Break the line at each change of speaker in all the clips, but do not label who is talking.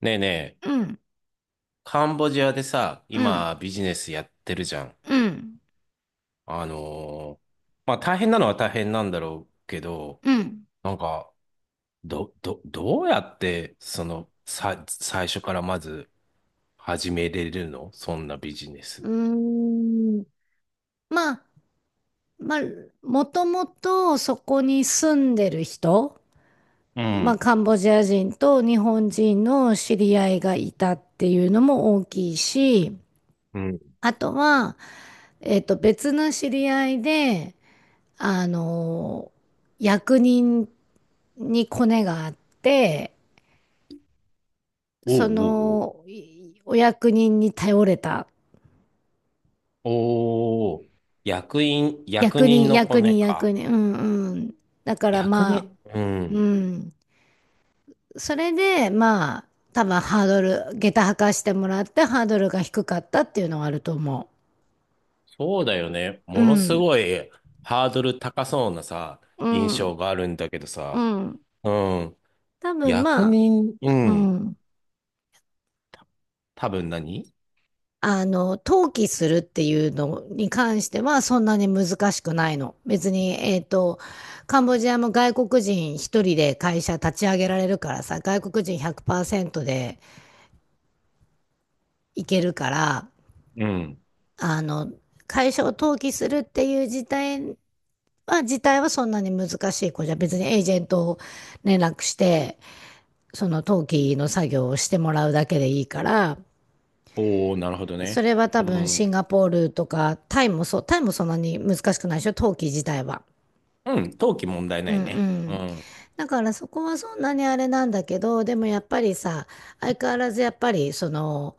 ねえねえ、
うん、
カンボジアでさ、
うん、
今ビジネスやってるじゃん。
うん、
あのーまあ大変なのは大変なんだろうけど、
うん。
なんか、どうやって、その、さ、最初からまず始めれるのそんなビジネス。
うーん。まあ、まあ、もともとそこに住んでる人、
う
まあ、
ん。
カンボジア人と日本人の知り合いがいたっていうのも大きいし、
うん。
あとは、別の知り合いで、あの、役人にコネがあって、
おうおう
お役人に頼れた
おう。おー。役員、役
役
人
人、
のコ
役
ネ
人、
か。
役人。うんうん。だから
役
まあ、
人、う
う
ん。
ん。それで、まあ、多分ハードル、下駄履かしてもらってハードルが低かったっていうのはあると思
そうだよね。
う。う
ものす
ん。
ごいハードル高そうなさ、
う
印
ん。
象があるんだけど
う
さ、
ん。
うん。
多分
役
まあ、
人、う
う
ん。
ん。
多分何
登記するっていうのに関してはそんなに難しくないの。別に、カンボジアも外国人一人で会社立ち上げられるからさ、外国人100%でいけるから、
うん。
あの、会社を登記するっていう事態はそんなに難しい子じゃ、別にエージェントを連絡して、その登記の作業をしてもらうだけでいいから、
おー、なるほど
そ
ね。
れは多
う
分シ
ん。
ンガポールとか、タイもそう、タイもそんなに難しくないでしょ、登記自体は。
うん。登記問題
う
な
ん
い
う
ね。う
ん。
ん。
だからそこはそんなにあれなんだけど、でもやっぱりさ、相変わらずやっぱり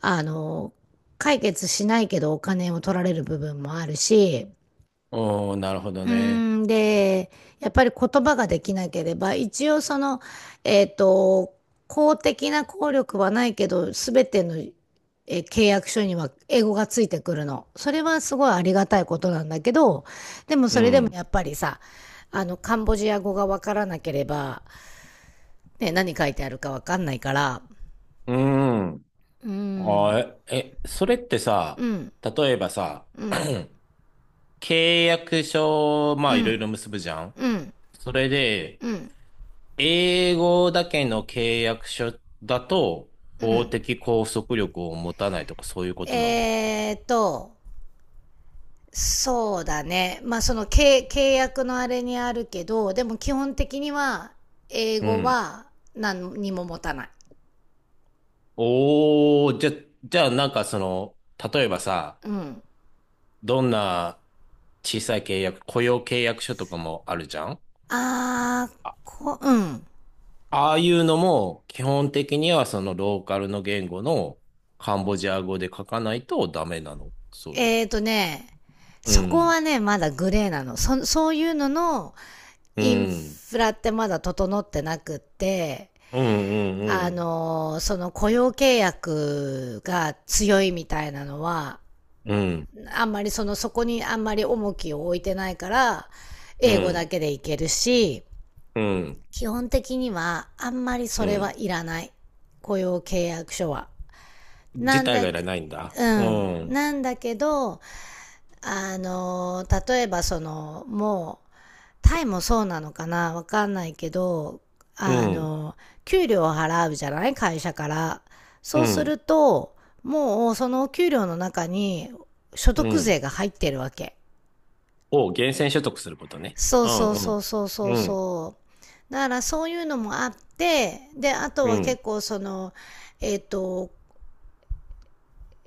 あの、解決しないけどお金を取られる部分もあるし、
おー、なるほど
う
ね。
ーん、で、やっぱり言葉ができなければ、一応えっと、公的な効力はないけど、すべての、契約書には英語がついてくるの。それはすごいありがたいことなんだけど、でも
う
それでも
ん。
やっぱりさ、カンボジア語がわからなければ、ね、何書いてあるかわかんないから、
うん。
うー
あ
ん、
ー、それってさ、
うん、
例えばさ、
うん、
契約書、ま
う
あいろい
ん、
ろ結ぶじゃん。
うん、
それで、
うん、
英語だけの契約書だと、
う
法
ん。
的拘束力を持たないとかそういうことなの
えーっと、そうだね。まあその契約のあれにあるけど、でも基本的には英
う
語
ん。
は何にも持たない。
おー、じゃ、じゃあなんかその、例えばさ、
うん。
どんな小さい契約、雇用契約書とかもあるじゃん
あー、
あ、
うん。
ああいうのも基本的にはそのローカルの言語のカンボジア語で書かないとダメなの、それっ
えー
て。
とね、
う
そこ
ん、
はね、まだグレーなの。そういうのの
う
イン
ん、
フラってまだ整ってなくって、
うん、うん、
その雇用契約が強いみたいなのは、
うん、
あんまりそこにあんまり重きを置いてないから
う
英語だ
ん、
けでいけるし、
うん、
基本的にはあんまりそ
う
れは
ん。
いらない、雇用契約書は。
自
なん
体
だ
がいら
け
ないんだ。
う
う
ん
ん、
なんだけど、例えばもうタイもそうなのかなわかんないけど、
う
あ
ん、
の給料を払うじゃない、会社から。
う
そうす
ん、
るともうその給料の中に所
う
得税
ん。
が入ってるわけ。
を厳選所得することね。
そう
うん、
そう
う
そ
ん。
うそうそう
うん、
そう。だからそういうのもあって、であと
う
は
ん。
結構えっ、と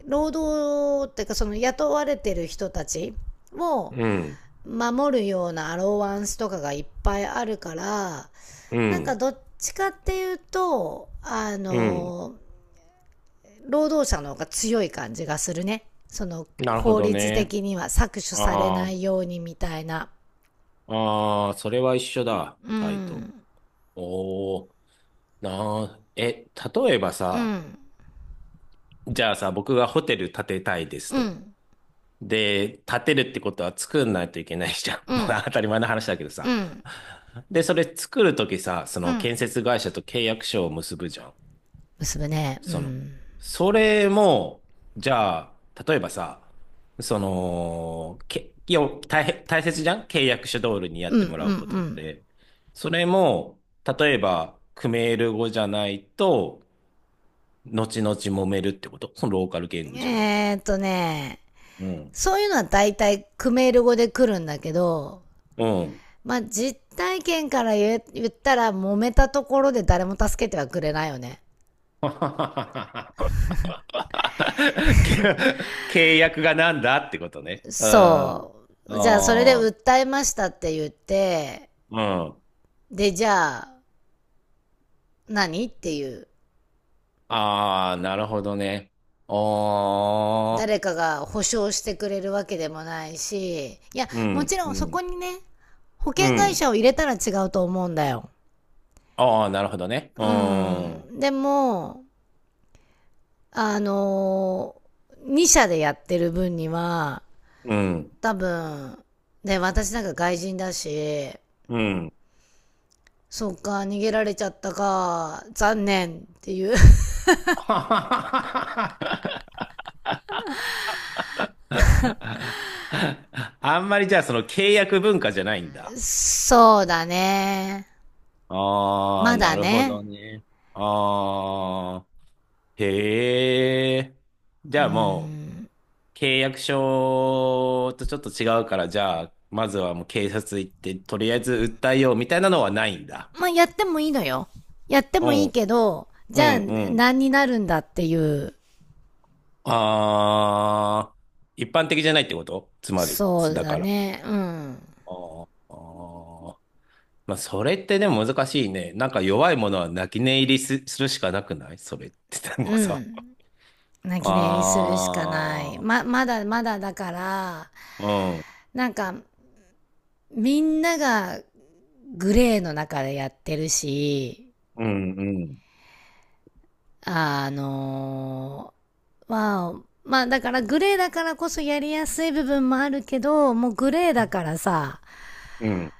労働っていうかその雇われてる人たちを
うん、
守るようなアローワンスとかがいっぱいあるから、
う
なんか
ん、
どっちかっていうと
うん。
労働者の方が強い感じがするね、
なるほ
法
ど
律
ね。
的には搾取され
ああ、
ないようにみたいな。
ああ、それは一緒だ、
う
タイと。
ん
おお、なあ、え、例えば
う
さ、
ん
じゃあさ、僕がホテル建てたいです
う
と。
ん
で、建てるってことは作んないといけないじゃん。
う
もう
ん
当たり前の話だけど
う
さ。
ん。
で、それ作るときさ、そ
う
の建
ん。
設会社と契約書を結ぶじゃん。
結ぶね。う
その、
ん。
それも、じゃあ、例えばさ、その、いや、大切じゃん契約書通りにや
う
っ
んう
てもらうことっ
ん
て。それも、例えば、クメール語じゃないと、後々揉めるってことそのローカル言
うん。
語じゃないと。うん。
そういうのは大体クメール語で来るんだけど、
うん。
まあ実体験から言ったら揉めたところで誰も助けてはくれないよね。
け契約がなんだってことね。うん。あ
そう。じゃあそれで
あ、
訴えましたって言って、
うん。
でじゃあ何っていう。
ああ、なるほどね。ああ、
誰かが保証してくれるわけでもないし、いや、
う
も
ん、
ちろ
う
んそこ
ん、
にね、保
う
険会社
ん。
を入れたら違うと思うんだよ。
ああ、なるほどね。う
う
ーん、
ん。でも、あの2社でやってる分には、
うん、
多分、ね、私なんか外人だし、
うん。
そっか、逃げられちゃったか、残念っていう。
はははははあんまりじゃあその契約文化じゃないん だ。
そうだね。
ああ、
ま
な
だ
るほ
ね。
どね。ああ、へえ。じ
う
ゃあも
ん。
う契約書とちょっと違うから、じゃあまずはもう警察行ってとりあえず訴えようみたいなのはないんだ。
まあ、やってもいいのよ。やって
う
もいい
ん、
けど、
う
じゃあ
ん、うん。
何になるんだっていう。
ああ、一般的じゃないってことつまり、
そう
だ
だ
から。
ね。うん。
あーあー、まあ、それってでも難しいね。なんか弱いものは泣き寝入りするしかなくないそれって、で
う
もさ。
ん。泣き寝入りするしかない。
ああ、
まだまだだから、
うん、
なんか、みんながグレーの中でやってるし、
うん、うん、
あのー、まあ、まあだからグレーだからこそやりやすい部分もあるけど、もうグレーだからさ、
うん、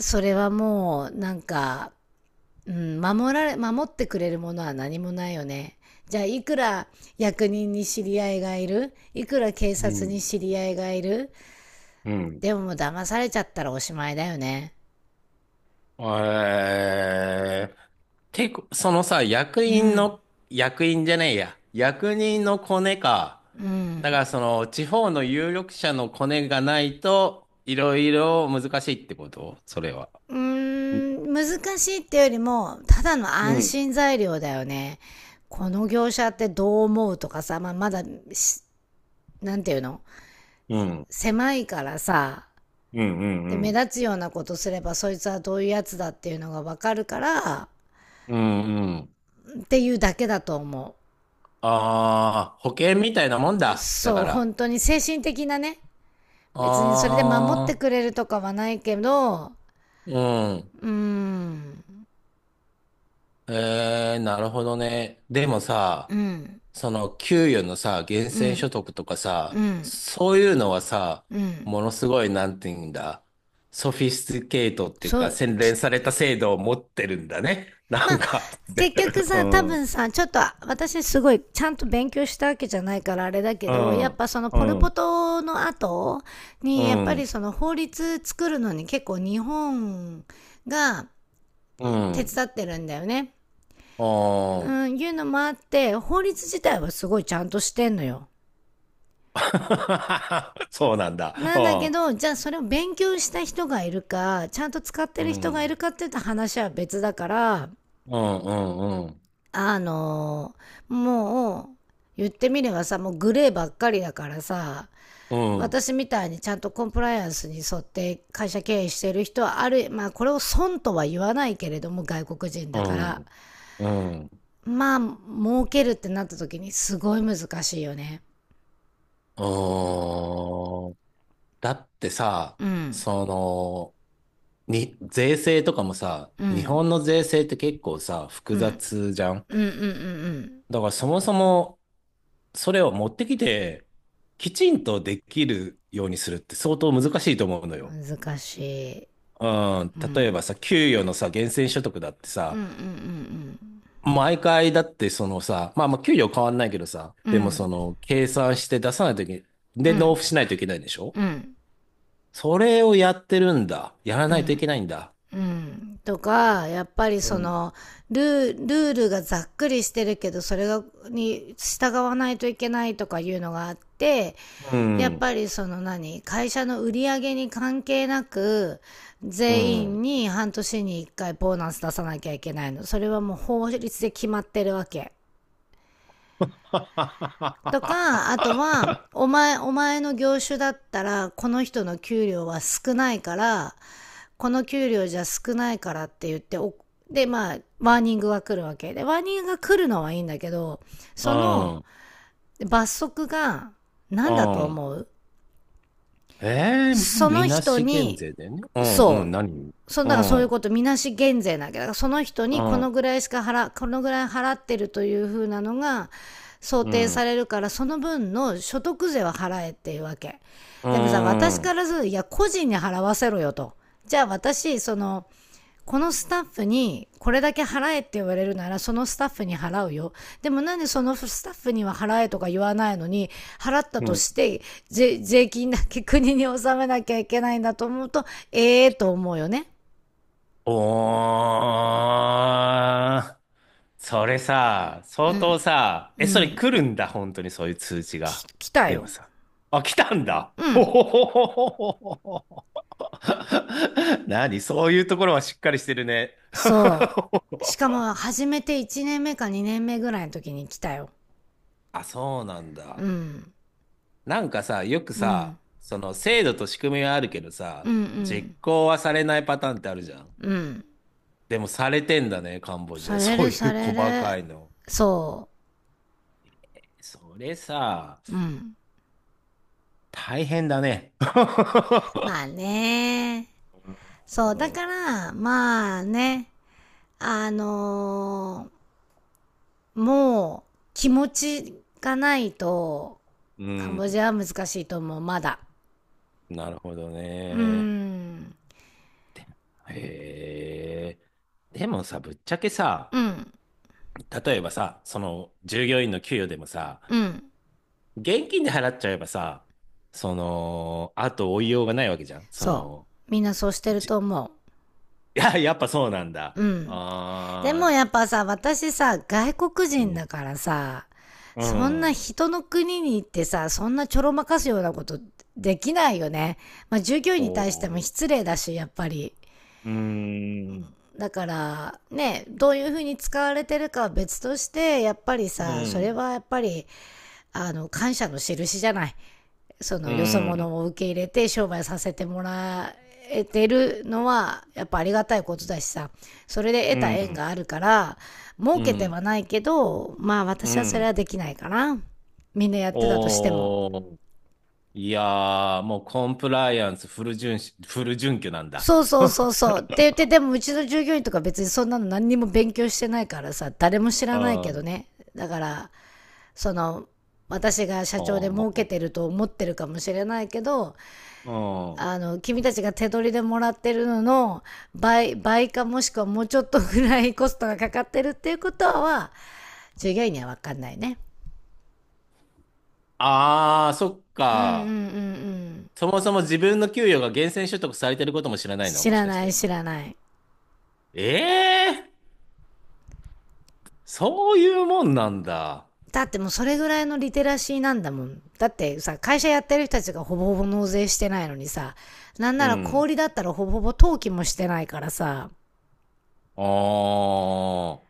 それはもうなんか、うん、守ってくれるものは何もないよね。じゃあいくら役人に知り合いがいる、いくら警
う
察
ん、
に知り合いがいる、
うん。
でももう騙されちゃったらおしまいだよね。
えー、てこ、そのさ、役
う
員
ん。
の、役員じゃねえや。役人のコネか。
う
だ
ん。
からその、地方の有力者のコネがないと、いろいろ難しいってことそれは。
うー
う
ん、難しいってよりも、ただの
う
安
ん。
心材料だよね。この業者ってどう思うとかさ、まあ、まだなんていうの、
うん。
狭いからさ、
うん。
で、
う
目
ん。
立つようなことすれば、そいつはどういうやつだっていうのがわかるから、
うん。うん。
っていうだけだと思
ああー、保険みたいなもん
う。
だ。だ
そ
か
う、
ら。
本当に精神的なね。別にそれで守って
ああ、
くれるとかはないけど、
うん。
うーん、
えー、なるほどね。でも
う
さ、
ん、
その給与のさ、源
う
泉
ん。
所得とか
う
さ、
ん。
そういうのはさ、
うん。
ものすごい、なんて言うんだ、ソフィスティケートっていう
そ
か、
う、
洗
き
練された制度を持ってるんだね。な
ま
ん
あ、
か、で、
結局
う
さ、多
ん、うん、
分さ、ちょっと私すごいちゃんと勉強したわけじゃないからあれだけど、やっぱその
う
ポルポ
ん、
トの後
う
に、やっぱり
ん、
その法律作るのに結構日本が
う
手
ん、
伝ってるんだよね。
う
う
ん。
ん、いうのもあって、法律自体はすごいちゃんとしてんのよ。
そうなんだ。
な
う
んだけ
ん、
ど、じゃあそれを勉強した人がいるか、ちゃんと使って
う
る人がいる
ん、
かって言ったら話は別だから、
うん、うん、
あのもう言ってみればさ、もうグレーばっかりだからさ、
うん、
私みたいにちゃんとコンプライアンスに沿って会社経営してる人は、ある、まあこれを損とは言わないけれども、外国人
う
だか
ん、う
ら、
ん、うん。うん
まあ儲けるってなった時にすごい難しいよね。
だってさ、
うん
その、に、税制とかもさ、
う
日
ん
本の税制って結構さ、複
うんうん
雑じゃん。
うんうん
だからそもそも、それを持ってきて、きちんとできるようにするって相当難しいと思うの
う
よ。
ん。難しい。
うん、
う
例え
ん
ばさ、給与のさ、源泉所得だって
うん
さ、
うん
毎回だってそのさ、まあまあ給料変わんないけどさ、
うんう
で
んう
も
ん
その、計算して出さないといけ、
う
で、納
ん
付しないといけないでしょ
うん
それをやってるんだ。やら
う
ないとい
ん
けないんだ。
うん、とか、やっぱり
うん
ルールがざっくりしてるけど、それが、に従わないといけないとかいうのがあって、
う
やっ
ん、
ぱりその何、会社の売り上げに関係なく、
う
全員
ん。
に半年に一回ボーナス出さなきゃいけないの。それはもう法律で決まってるわけ。
は
と
はは
か、あとは、お前の業種だったら、この人の給料は少ないから、この給料じゃ少ないからって言って、でまあワーニングが来るわけで、ワーニングが来るのはいいんだけど、
は
その
は。
罰則が
う
何だ
ん、
と
うん。
思う。
ええ
そ
み
の
な
人
し減
に、
税だよね。うん、うん、
そ
何
うそ、だ
う
からそうい
ん、
う
う
こと、みなし減税なわけだから、その人に
ん、
このぐらい払ってるというふうなのが想
う
定
ん、
されるから、その分の所得税は払えっていうわけ。
う
でもさ、私
ん、
からするといや個人に払わせろよと、じゃあ私、このスタッフにこれだけ払えって言われるなら、そのスタッフに払うよ。でもなんでそのスタッフには払えとか言わないのに、払った
う
と
ん。
して税金だけ国に納めなきゃいけないんだと思うと、ええー、と思うよね。
おー、それさ、
う
相当
ん。
さ、
う
え、それ
ん。
来るんだ、本当にそういう通知が。
来た
でも
よ。
さ、あ、来たんだ。
う
ほ
ん。
ほほほほほほ。何そういうところはしっかりしてるね。
そう。しか も始めて1年目か2年目ぐらいの時に来たよ。
あ、そうなん
う
だ。
ん。
なんかさ、よく
うん。
さ、その制度と仕組みはあるけど
う
さ、実
ん
行はされないパターンってあるじゃん。
うん。うん。
でもされてんだね、カンボジ
さ
ア。
れ
そう
る
い
さ
う
れ
細か
る。
いの。
そ
それさ、
う。うん。
大変だね。
まあね。そう、だから、まあね、あのーもう気持ちがないと、
う
カン
ん、
ボジアは難しいと思う、まだ。
なるほど
うー
ね。
ん、
へえ。でもさ、ぶっちゃけ
う
さ、
ん、
例えばさ、その従業員の給与でもさ、
うん。
現金で払っちゃえばさ、その、あと追いようがないわけじゃん。そ
そ
の、
う。みんなそうしてる
じ
と
い
思
や、やっぱそうなん
う。う
だ。
ん。で
あ
も
ー
やっぱさ、私さ、外国
う
人
ん、
だからさ、
あ、う
そんな
ん。
人の国に行ってさ、そんなちょろまかすようなことできないよね。まあ従業
お
員に対しても
ー
失礼だし、やっぱり。
うーん、
だからね、どういうふうに使われてるかは別として、やっぱり
う
さ、それ
ん、
はやっぱり感謝の印じゃない、そ
う
のよそ
ん、
者を受け入れて商売させてもらえてるのはやっぱありがたいことだしさ、それで
う
得た縁
ん、
があるから、儲
う
けて
ん、
はないけど、まあ
う
私はそれ
ん。
はできないかな、みんなやってたとしても。
おー、いやー、もうコンプライアンスフル遵守、フル準拠なんだ。
そうそうそ う
うん、
そう。って言って、でもうちの従業員とか別にそんなの何にも勉強してないからさ、誰も知らない
あ
けど
ー
ね。だから、その私が社長で儲けてると思ってるかもしれないけど、
うん。
君たちが手取りでもらってるのの倍倍か、もしくはもうちょっとぐらいコストがかかってるっていうことは、従業員には分かんないね。
あー、そっ
うんうんうんう
か。
ん。
そもそも自分の給与が源泉所得されてることも知らないの、
知
もし
ら
かし
ない
て。
知らない。
ええー、そういうもんなんだ。
だってもうそれぐらいのリテラシーなんだもん、だってさ会社やってる人たちがほぼほぼ納税してないのにさ、なん
う
なら小
ん。
氷だったらほぼほぼ登記もしてないからさ。
あ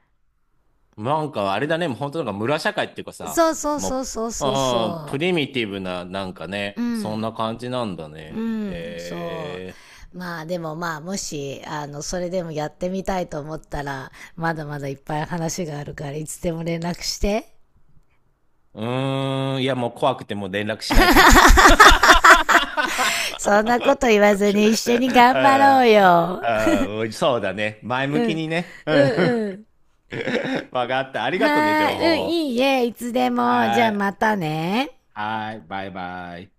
あ、なんかあれだね、もう本当なんか村社会っていうかさ、
そうそうそ
も
うそう
う、
そう
ああ、プ
そ
リミティブな、なんか
う。う
ね、そんな
ん
感じなんだ
う
ね。
ん、そ
へ
う。まあでもまあもし、それでもやってみたいと思ったら、まだまだいっぱい話があるからいつでも連絡して。
え。うーん、いやもう怖くてもう連絡しないかも。
そんなこと言 わずに一緒に頑張ろう
あ
よ。
あ、ああもうそうだね。前向
う
き
ん、
にね。うん。
うん、うん。
わかった。ありがとうね、
は
情
ーい、うん、
報。
いいえ、いつでも。じゃ
は
あま
い。
たね。
はい。バイバイ。